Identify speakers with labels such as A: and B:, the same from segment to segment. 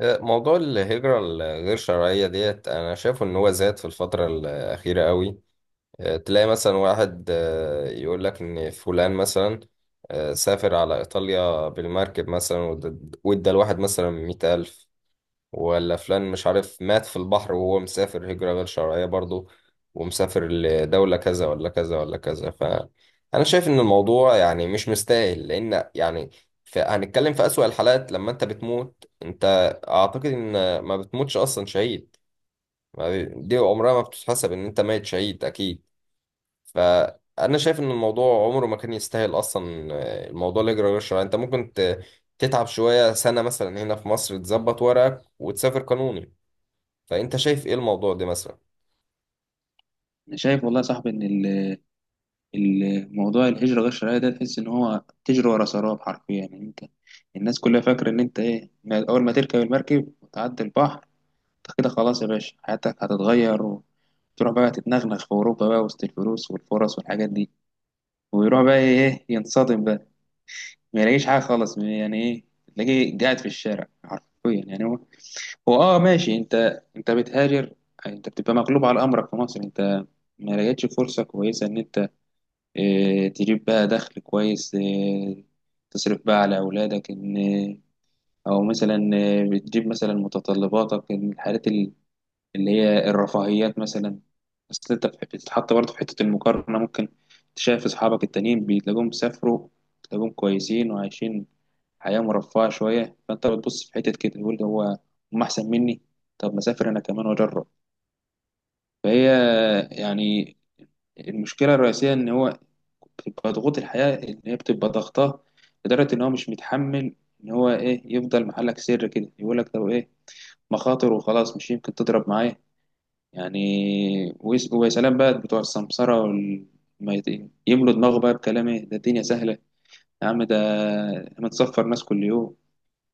A: موضوع الهجرة الغير شرعية ديت أنا شايفه إن هو زاد في الفترة الأخيرة قوي. تلاقي مثلا واحد، يقول لك إن فلان مثلا سافر على إيطاليا بالمركب مثلا، وادى الواحد مثلا 100,000، ولا فلان مش عارف مات في البحر وهو مسافر هجرة غير شرعية برضه، ومسافر لدولة كذا ولا كذا ولا كذا. فأنا شايف إن الموضوع يعني مش مستاهل، لأن يعني هنتكلم في أسوأ الحالات. لما أنت بتموت، أنت أعتقد إن ما بتموتش أصلا شهيد. ما بي- دي عمرها ما بتتحسب إن أنت ميت شهيد أكيد. فأنا شايف إن الموضوع عمره ما كان يستاهل أصلا. الموضوع الهجرة غير شرعية، أنت ممكن تتعب شوية سنة مثلا هنا في مصر، تظبط ورقك وتسافر قانوني. فانت شايف ايه الموضوع ده مثلا؟
B: أنا شايف والله يا صاحبي إن موضوع الهجرة غير الشرعية ده تحس إن هو تجري ورا سراب حرفيا، يعني أنت الناس كلها فاكرة إن أنت إيه ما- أول ما تركب المركب وتعدي البحر أنت كده خلاص يا باشا حياتك هتتغير وتروح بقى تتنغنغ في أوروبا بقى وسط الفلوس والفرص والحاجات دي. ويروح بقى إيه إيه، ينصدم بقى، ما يلاقيش حاجة خالص. يعني إيه؟ تلاقيه قاعد في الشارع حرفيا. يعني هو آه ماشي، أنت أنت بتهاجر، أنت بتبقى مغلوب على أمرك في مصر، أنت ما لقيتش فرصة كويسة إن أنت تجيب بقى دخل كويس، تصرف بقى على أولادك، إن أو مثلا بتجيب مثلا متطلباتك إن الحاجات اللي هي الرفاهيات مثلا. أصل أنت بتتحط برضه في حتة المقارنة. ممكن تشايف أصحابك التانيين، بتلاقيهم سافروا، بتلاقيهم كويسين وعايشين حياة مرفهة شوية. فأنت بتبص في حتة كده تقول ده هم أحسن مني. طب ما أسافر أنا كمان وأجرب. فهي، يعني المشكلة الرئيسية إن هو بتبقى ضغوط الحياة، إن هي بتبقى ضغطاه لدرجة إن هو مش متحمل إن هو يفضل محلك سر كده، يقول لك لو مخاطر وخلاص، مش يمكن تضرب معايا. يعني ويا سلام بقى بتوع السمسرة وال... ما يت- يملوا دماغه بقى بكلام ده الدنيا سهلة يا عم، ده هنتصفر ناس كل يوم.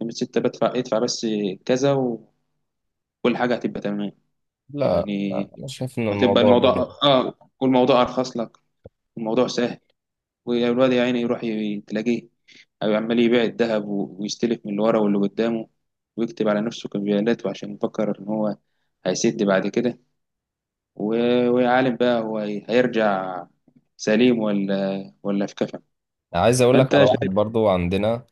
B: من ستة بدفع، ادفع بس كذا وكل حاجة هتبقى تمام.
A: لا لا،
B: يعني
A: انا شايف ان
B: هتبقى
A: الموضوع ده
B: الموضوع،
A: يعني
B: آه، والموضوع أرخص لك، الموضوع سهل. والواد يا عيني يروح تلاقيه أو عمال يبيع الذهب ويستلف من اللي ورا واللي قدامه، ويكتب على نفسه كمبيالات، وعشان يفكر إن هو هيسد بعد كده. ويعلم بقى هو هيرجع سليم ولا في كفن.
A: عايز اقول لك
B: فأنت
A: على واحد
B: شايف؟
A: برضو عندنا،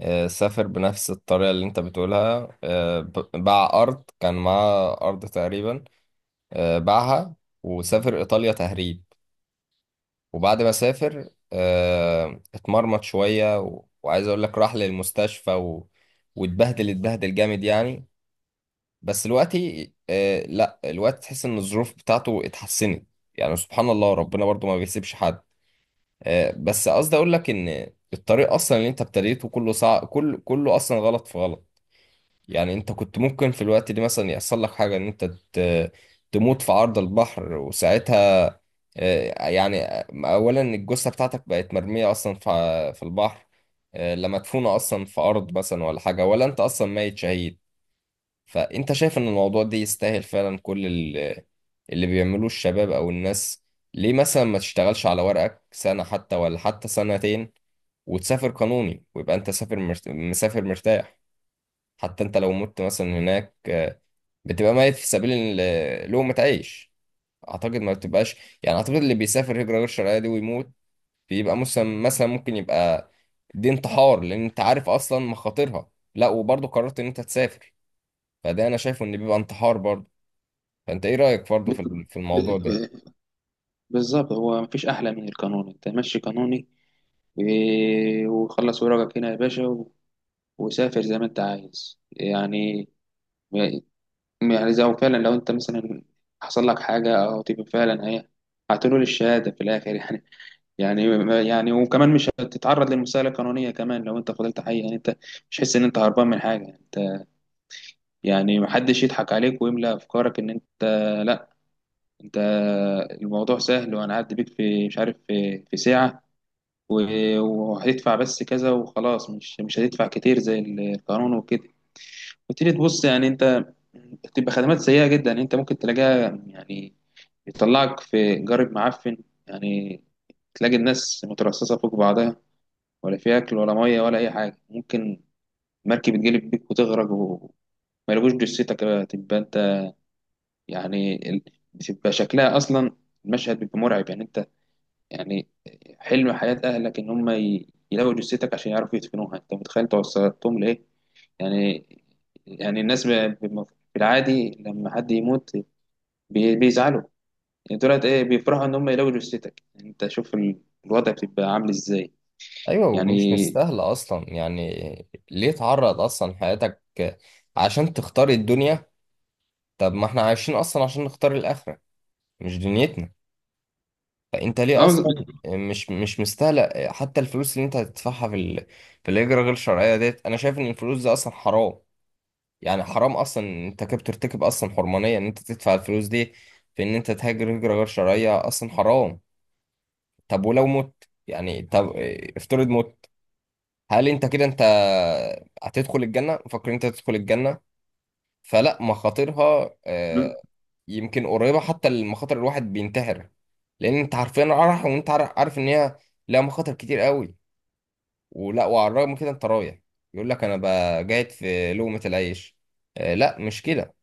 A: سافر بنفس الطريقه اللي انت بتقولها. باع ارض، كان معاه ارض تقريبا باعها، وسافر ايطاليا تهريب. وبعد ما سافر اتمرمط شويه، وعايز اقول لك راح للمستشفى واتبهدل اتبهدل جامد يعني. بس دلوقتي لا الوقت، تحس ان الظروف بتاعته اتحسنت. يعني سبحان الله، ربنا برضو ما بيسيبش حد. بس قصدي اقول لك ان الطريق اصلا اللي انت ابتديته كله صعب، كله اصلا غلط في غلط. يعني انت كنت ممكن في الوقت ده مثلا يحصل لك حاجه، ان انت ت- تموت في عرض البحر. وساعتها يعني اولا الجثه بتاعتك بقت مرميه اصلا في البحر، لا مدفونه اصلا في ارض مثلا ولا حاجه، ولا انت اصلا ميت شهيد. فانت شايف ان الموضوع ده يستاهل فعلا كل اللي بيعملوه الشباب او الناس؟ ليه مثلا ما تشتغلش على ورقك سنه حتى، ولا حتى سنتين، وتسافر قانوني ويبقى انت سافر مسافر مرتاح. حتى انت لو مت مثلا هناك، بتبقى ميت في سبيل لقمة عيش. اعتقد ما بتبقاش. يعني اعتقد اللي بيسافر هجرة غير شرعية دي ويموت، بيبقى مثلا ممكن يبقى دي انتحار، لان انت عارف اصلا مخاطرها، لا وبرضه قررت ان انت تسافر. فده انا شايفه ان بيبقى انتحار برضه. فانت ايه رأيك برضه في الموضوع ده؟
B: بالظبط، هو مفيش أحلى من القانون. أنت مشي قانوني، وخلص ورقك هنا يا باشا، و- وسافر زي ما أنت عايز. يعني يعني زي هو فعلا، لو انت مثلا حصل لك حاجه او تبقى فعلا هتنول الشهاده في الاخر. يعني يعني يعني وكمان مش هتتعرض للمساله القانونيه كمان لو انت فضلت حي، يعني انت مش حس ان انت هربان من حاجه. انت يعني محدش يضحك عليك ويملى افكارك ان انت، لا، انت الموضوع سهل وهنعدي بيك في مش عارف في، في ساعه، و- وهتدفع بس كذا وخلاص. مش مش هتدفع كتير زي القانون وكده. وتيجي تبص، يعني انت بتبقى خدمات سيئه جدا، يعني انت ممكن تلاقيها يعني يطلعك في جارب معفن، يعني تلاقي الناس مترصصة فوق بعضها، ولا في أكل ولا مية ولا أي حاجة. ممكن مركب تجلب بيك وتغرق وما يلقوش جثتك بقى، تبقى أنت يعني بتبقى شكلها أصلا المشهد بيبقى مرعب. يعني أنت يعني حلم حياة أهلك إن هم يلاقوا جثتك عشان يعرفوا يدفنوها. أنت متخيل أنت وصلتهم لإيه؟ يعني يعني الناس ب- في العادي لما حد يموت بيزعلوا. يعني دولت بيفرحوا ان هم يلاقوا جثتك. يعني انت شوف الوضع بتبقى عامل ازاي.
A: ايوه، ومش
B: يعني
A: مستاهله اصلا. يعني ليه تعرض اصلا حياتك عشان تختار الدنيا؟ طب ما احنا عايشين اصلا عشان نختار الاخره، مش دنيتنا. فانت ليه
B: اه
A: اصلا
B: بز-
A: مش مستاهله حتى الفلوس اللي انت هتدفعها في الهجره غير الشرعيه ديت. انا شايف ان الفلوس دي اصلا حرام. يعني حرام اصلا إن انت كده بترتكب اصلا حرمانيه، ان انت تدفع الفلوس دي في ان انت تهاجر هجره غير شرعيه اصلا حرام. طب ولو مت، يعني طب افترض مت، هل انت كده انت هتدخل الجنه؟ مفكر انت تدخل الجنه؟ فلا، مخاطرها يمكن قريبة حتى، المخاطر الواحد بينتحر. لأن أنت عارفين رايح، وأنت عارف إن هي لها مخاطر كتير قوي، وعلى الرغم من كده أنت رايح. يقول لك أنا قاعد في لقمة العيش. لا مش كده.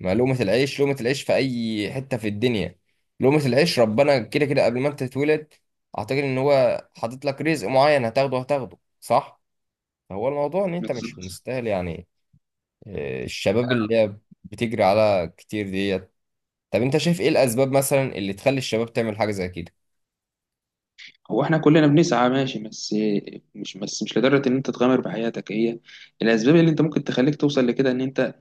A: ما لقمة العيش، لقمة العيش في أي حتة في الدنيا. لقمة العيش ربنا كده كده قبل ما أنت تتولد أعتقد إن هو حاطط لك رزق معين هتاخده هتاخده، صح؟ هو الموضوع إن أنت مش مستاهل يعني. الشباب اللي هي بتجري على كتير ديت. طب انت شايف ايه الاسباب مثلا اللي تخلي الشباب تعمل حاجه زي كده؟
B: هو احنا كلنا بنسعى ماشي، بس مش بس، مش لدرجه ان انت تغامر بحياتك. هي الاسباب اللي انت ممكن تخليك توصل لكده ان انت،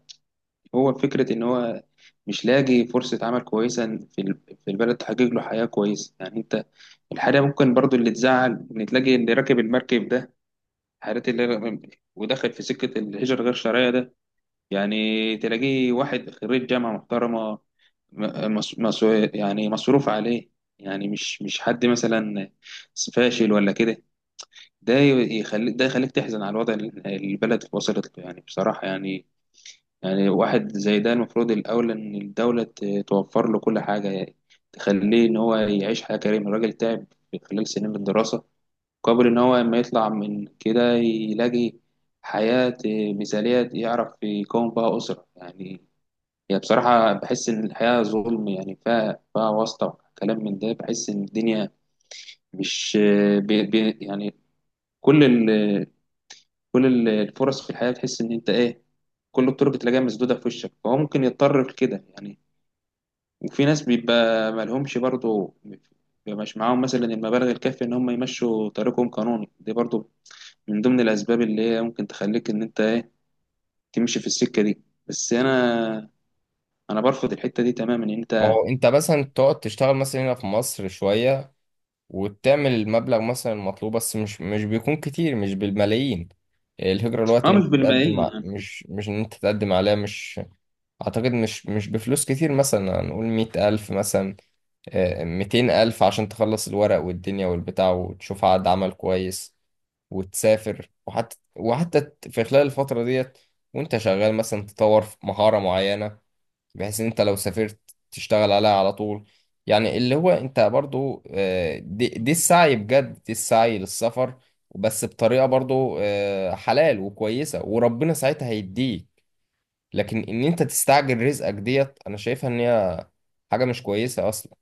B: هو فكره ان هو مش لاقي فرصه عمل كويسه في في البلد تحقق له حياه كويسه. يعني انت الحاجه ممكن برضو اللي تزعل ان تلاقي اللي راكب المركب ده، حالات اللي ودخل في سكه الهجره غير شرعيه ده، يعني تلاقيه واحد خريج جامعة محترمة، م- مس- مس- يعني مصروف عليه، يعني مش حد مثلا فاشل ولا كده. ده يخليك، ده يخليك تحزن على الوضع اللي البلد وصلت له، يعني بصراحة يعني يعني واحد زي ده المفروض الأول إن الدولة توفر له كل حاجة، يعني تخليه إن هو يعيش حياة كريمة. الراجل تعب في خلال سنين الدراسة، قبل إن هو لما يطلع من كده يلاقي حياة مثالية يعرف يكون بها أسرة. يعني هي بصراحة بحس إن الحياة ظلم، يعني فيها واسطة وكلام من ده. بحس إن الدنيا مش بي بي يعني كل ال كل الفرص في الحياة تحس إن أنت كل الطرق تلاقيها مسدودة في وشك، فهو ممكن يضطر لكده. يعني وفي ناس بيبقى مالهمش برضه، بيبقى مش معاهم مثلا المبالغ الكافية إن هم يمشوا طريقهم قانوني، دي برضه من ضمن الأسباب اللي هي ممكن تخليك إن أنت تمشي في السكة دي. بس أنا برفض الحتة دي تماما إن
A: ما
B: أنت،
A: هو انت مثلا تقعد تشتغل مثلا هنا في مصر شويه، وتعمل المبلغ مثلا المطلوب. بس مش بيكون كتير، مش بالملايين. الهجره الوقت
B: أه
A: ان
B: مش
A: انت تقدم
B: بالملايين يعني.
A: مش ان انت تقدم عليها مش اعتقد مش بفلوس كتير. مثلا هنقول 100,000 مثلا، 200,000 عشان تخلص الورق والدنيا والبتاع، وتشوف عقد عمل كويس وتسافر. وحتى في خلال الفترة ديت وانت شغال، مثلا تطور في مهارة معينة، بحيث ان انت لو سافرت تشتغل عليها على طول. يعني اللي هو انت برضو، دي السعي بجد، دي السعي للسفر، بس بطريقة برضو حلال وكويسة، وربنا ساعتها هيديك. لكن ان انت تستعجل رزقك ديت، انا شايفها ان هي حاجة مش كويسة اصلا.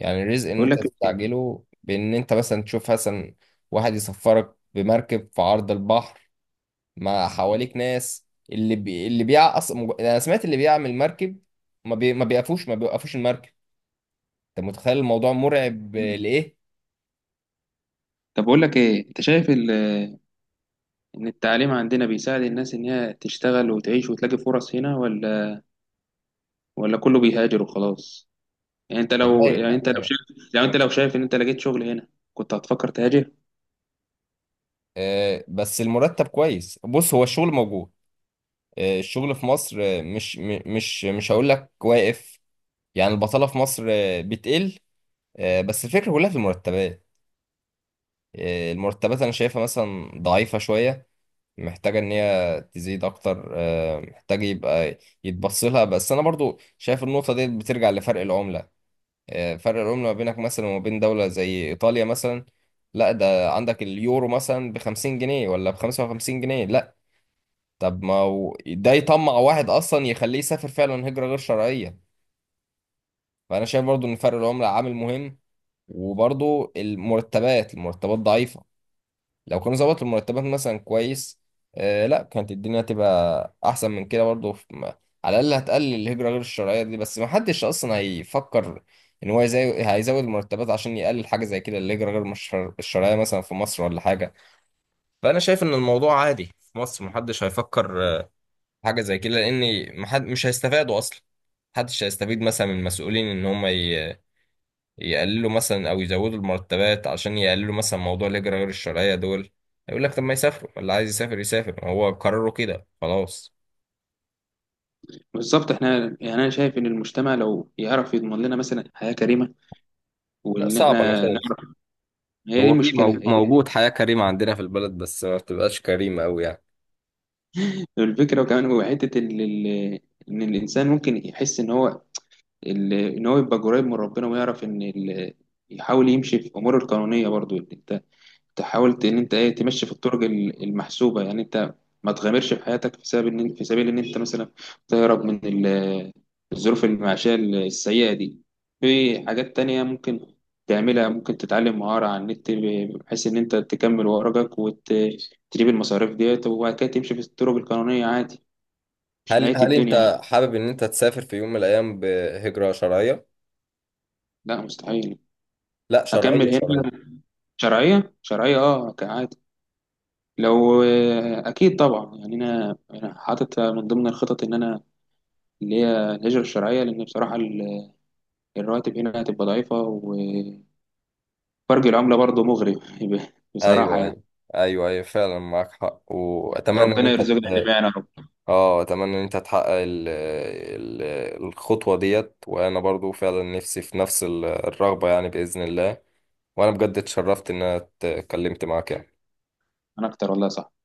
A: يعني الرزق ان
B: بقول
A: انت
B: لك،
A: تستعجله بان انت مثلا تشوف مثلا واحد يسفرك بمركب في عرض البحر، مع حواليك ناس اللي بي... اللي بيع أص... مج- انا سمعت اللي بيعمل مركب ما بي... ما بيقفوش ما بيوقفوش المركب. انت متخيل الموضوع مرعب لايه؟
B: طب بقول لك ايه، انت شايف ان التعليم عندنا بيساعد الناس ان هي تشتغل وتعيش وتلاقي فرص هنا، ولا ولا كله بيهاجر وخلاص؟ يعني انت لو،
A: والله،
B: يعني انت لو شايف، يعني انت لو شايف ان انت لقيت شغل هنا، كنت هتفكر تهاجر؟
A: بس المرتب كويس. بص، هو الشغل موجود. الشغل في مصر مش م- مش مش هقول لك واقف. يعني البطالة في مصر بتقل. بس الفكرة كلها في المرتبات. المرتبات انا شايفها مثلا ضعيفة شوية، محتاجة ان هي تزيد اكتر. محتاج يبقى يتبص لها. بس انا برضو شايف النقطة دي بترجع لفرق العملة. فرق العملة ما بينك مثلا، وما بين دولة زي ايطاليا مثلا، لا ده عندك اليورو مثلا ب 50 جنيه ولا ب 55 جنيه، لا. طب ما هو ده يطمع واحد اصلا، يخليه يسافر فعلا هجرة غير شرعية. فانا شايف برضو ان فرق العملة عامل مهم، وبرضو المرتبات، المرتبات ضعيفة. لو كانوا ظبطوا المرتبات مثلا كويس، لا كانت الدنيا تبقى احسن من كده برضه على الاقل هتقلل الهجره غير الشرعيه دي. بس ما حدش اصلا هيفكر ان هو هيزود المرتبات عشان يقلل حاجه زي كده، الهجره غير مش الشرعيه مثلا في مصر ولا حاجه. فانا شايف ان الموضوع عادي في مصر، ما حدش هيفكر في حاجه زي كده، لان مش هيستفادوا اصلا. محدش هيستفيد مثلا من المسؤولين ان هم يقللوا مثلا او يزودوا المرتبات عشان يقللوا مثلا موضوع الهجرة غير الشرعية دول. يقول لك طب ما يسافروا، اللي عايز يسافر يسافر، هو قرروا كده خلاص.
B: بالظبط، احنا يعني انا شايف ان المجتمع لو يعرف يضمن لنا مثلا حياة كريمة،
A: لا
B: وان
A: صعب، انا
B: احنا
A: شايف
B: نعرف، هي دي
A: هو في
B: المشكلة، هي
A: موجود
B: دي
A: حياة كريمة عندنا في البلد، بس ما بتبقاش كريمة أوي يعني.
B: الفكرة. وكمان هو حتة ان الانسان ممكن يحس ان هو ان هو يبقى قريب من ربنا، ويعرف ان يحاول يمشي في اموره القانونية. برضو انت تحاول ان انت تمشي في الطرق المحسوبه. يعني انت ما تغامرش في حياتك في سبب ان، في سبيل ان انت مثلا تهرب من الظروف المعيشيه السيئه دي. في حاجات تانية ممكن تعملها، ممكن تتعلم مهارة على النت، بحيث إن أنت تكمل ورقك وتجيب المصاريف ديت، وبعد كده تمشي في الطرق القانونية عادي. مش
A: هل
B: نهاية
A: هل
B: الدنيا يعني.
A: أنت حابب إن أنت تسافر في يوم من الأيام بهجرة شرعية؟
B: لا، مستحيل.
A: لا
B: هكمل
A: شرعية
B: هنا.
A: شرعية،
B: شرعية شرعية، اه عادي. لو آه، اكيد طبعا، يعني انا حاطط من ضمن الخطط ان انا اللي هي الهجره الشرعيه، لان بصراحه الرواتب هنا هتبقى ضعيفه، وفرق العمله برضه مغري بصراحه
A: أيوه
B: يعني.
A: أيوه، أيوه أيوه فعلا معاك حق. وأتمنى إن
B: ربنا
A: أنت،
B: يرزقنا جميعا يا رب.
A: اه اتمنى ان انت تحقق ال الخطوة ديت، وانا برضو فعلا نفسي في نفس الرغبة يعني، بإذن الله. وانا بجد اتشرفت ان انا اتكلمت معاك يعني.
B: انا اكتر والله، صح.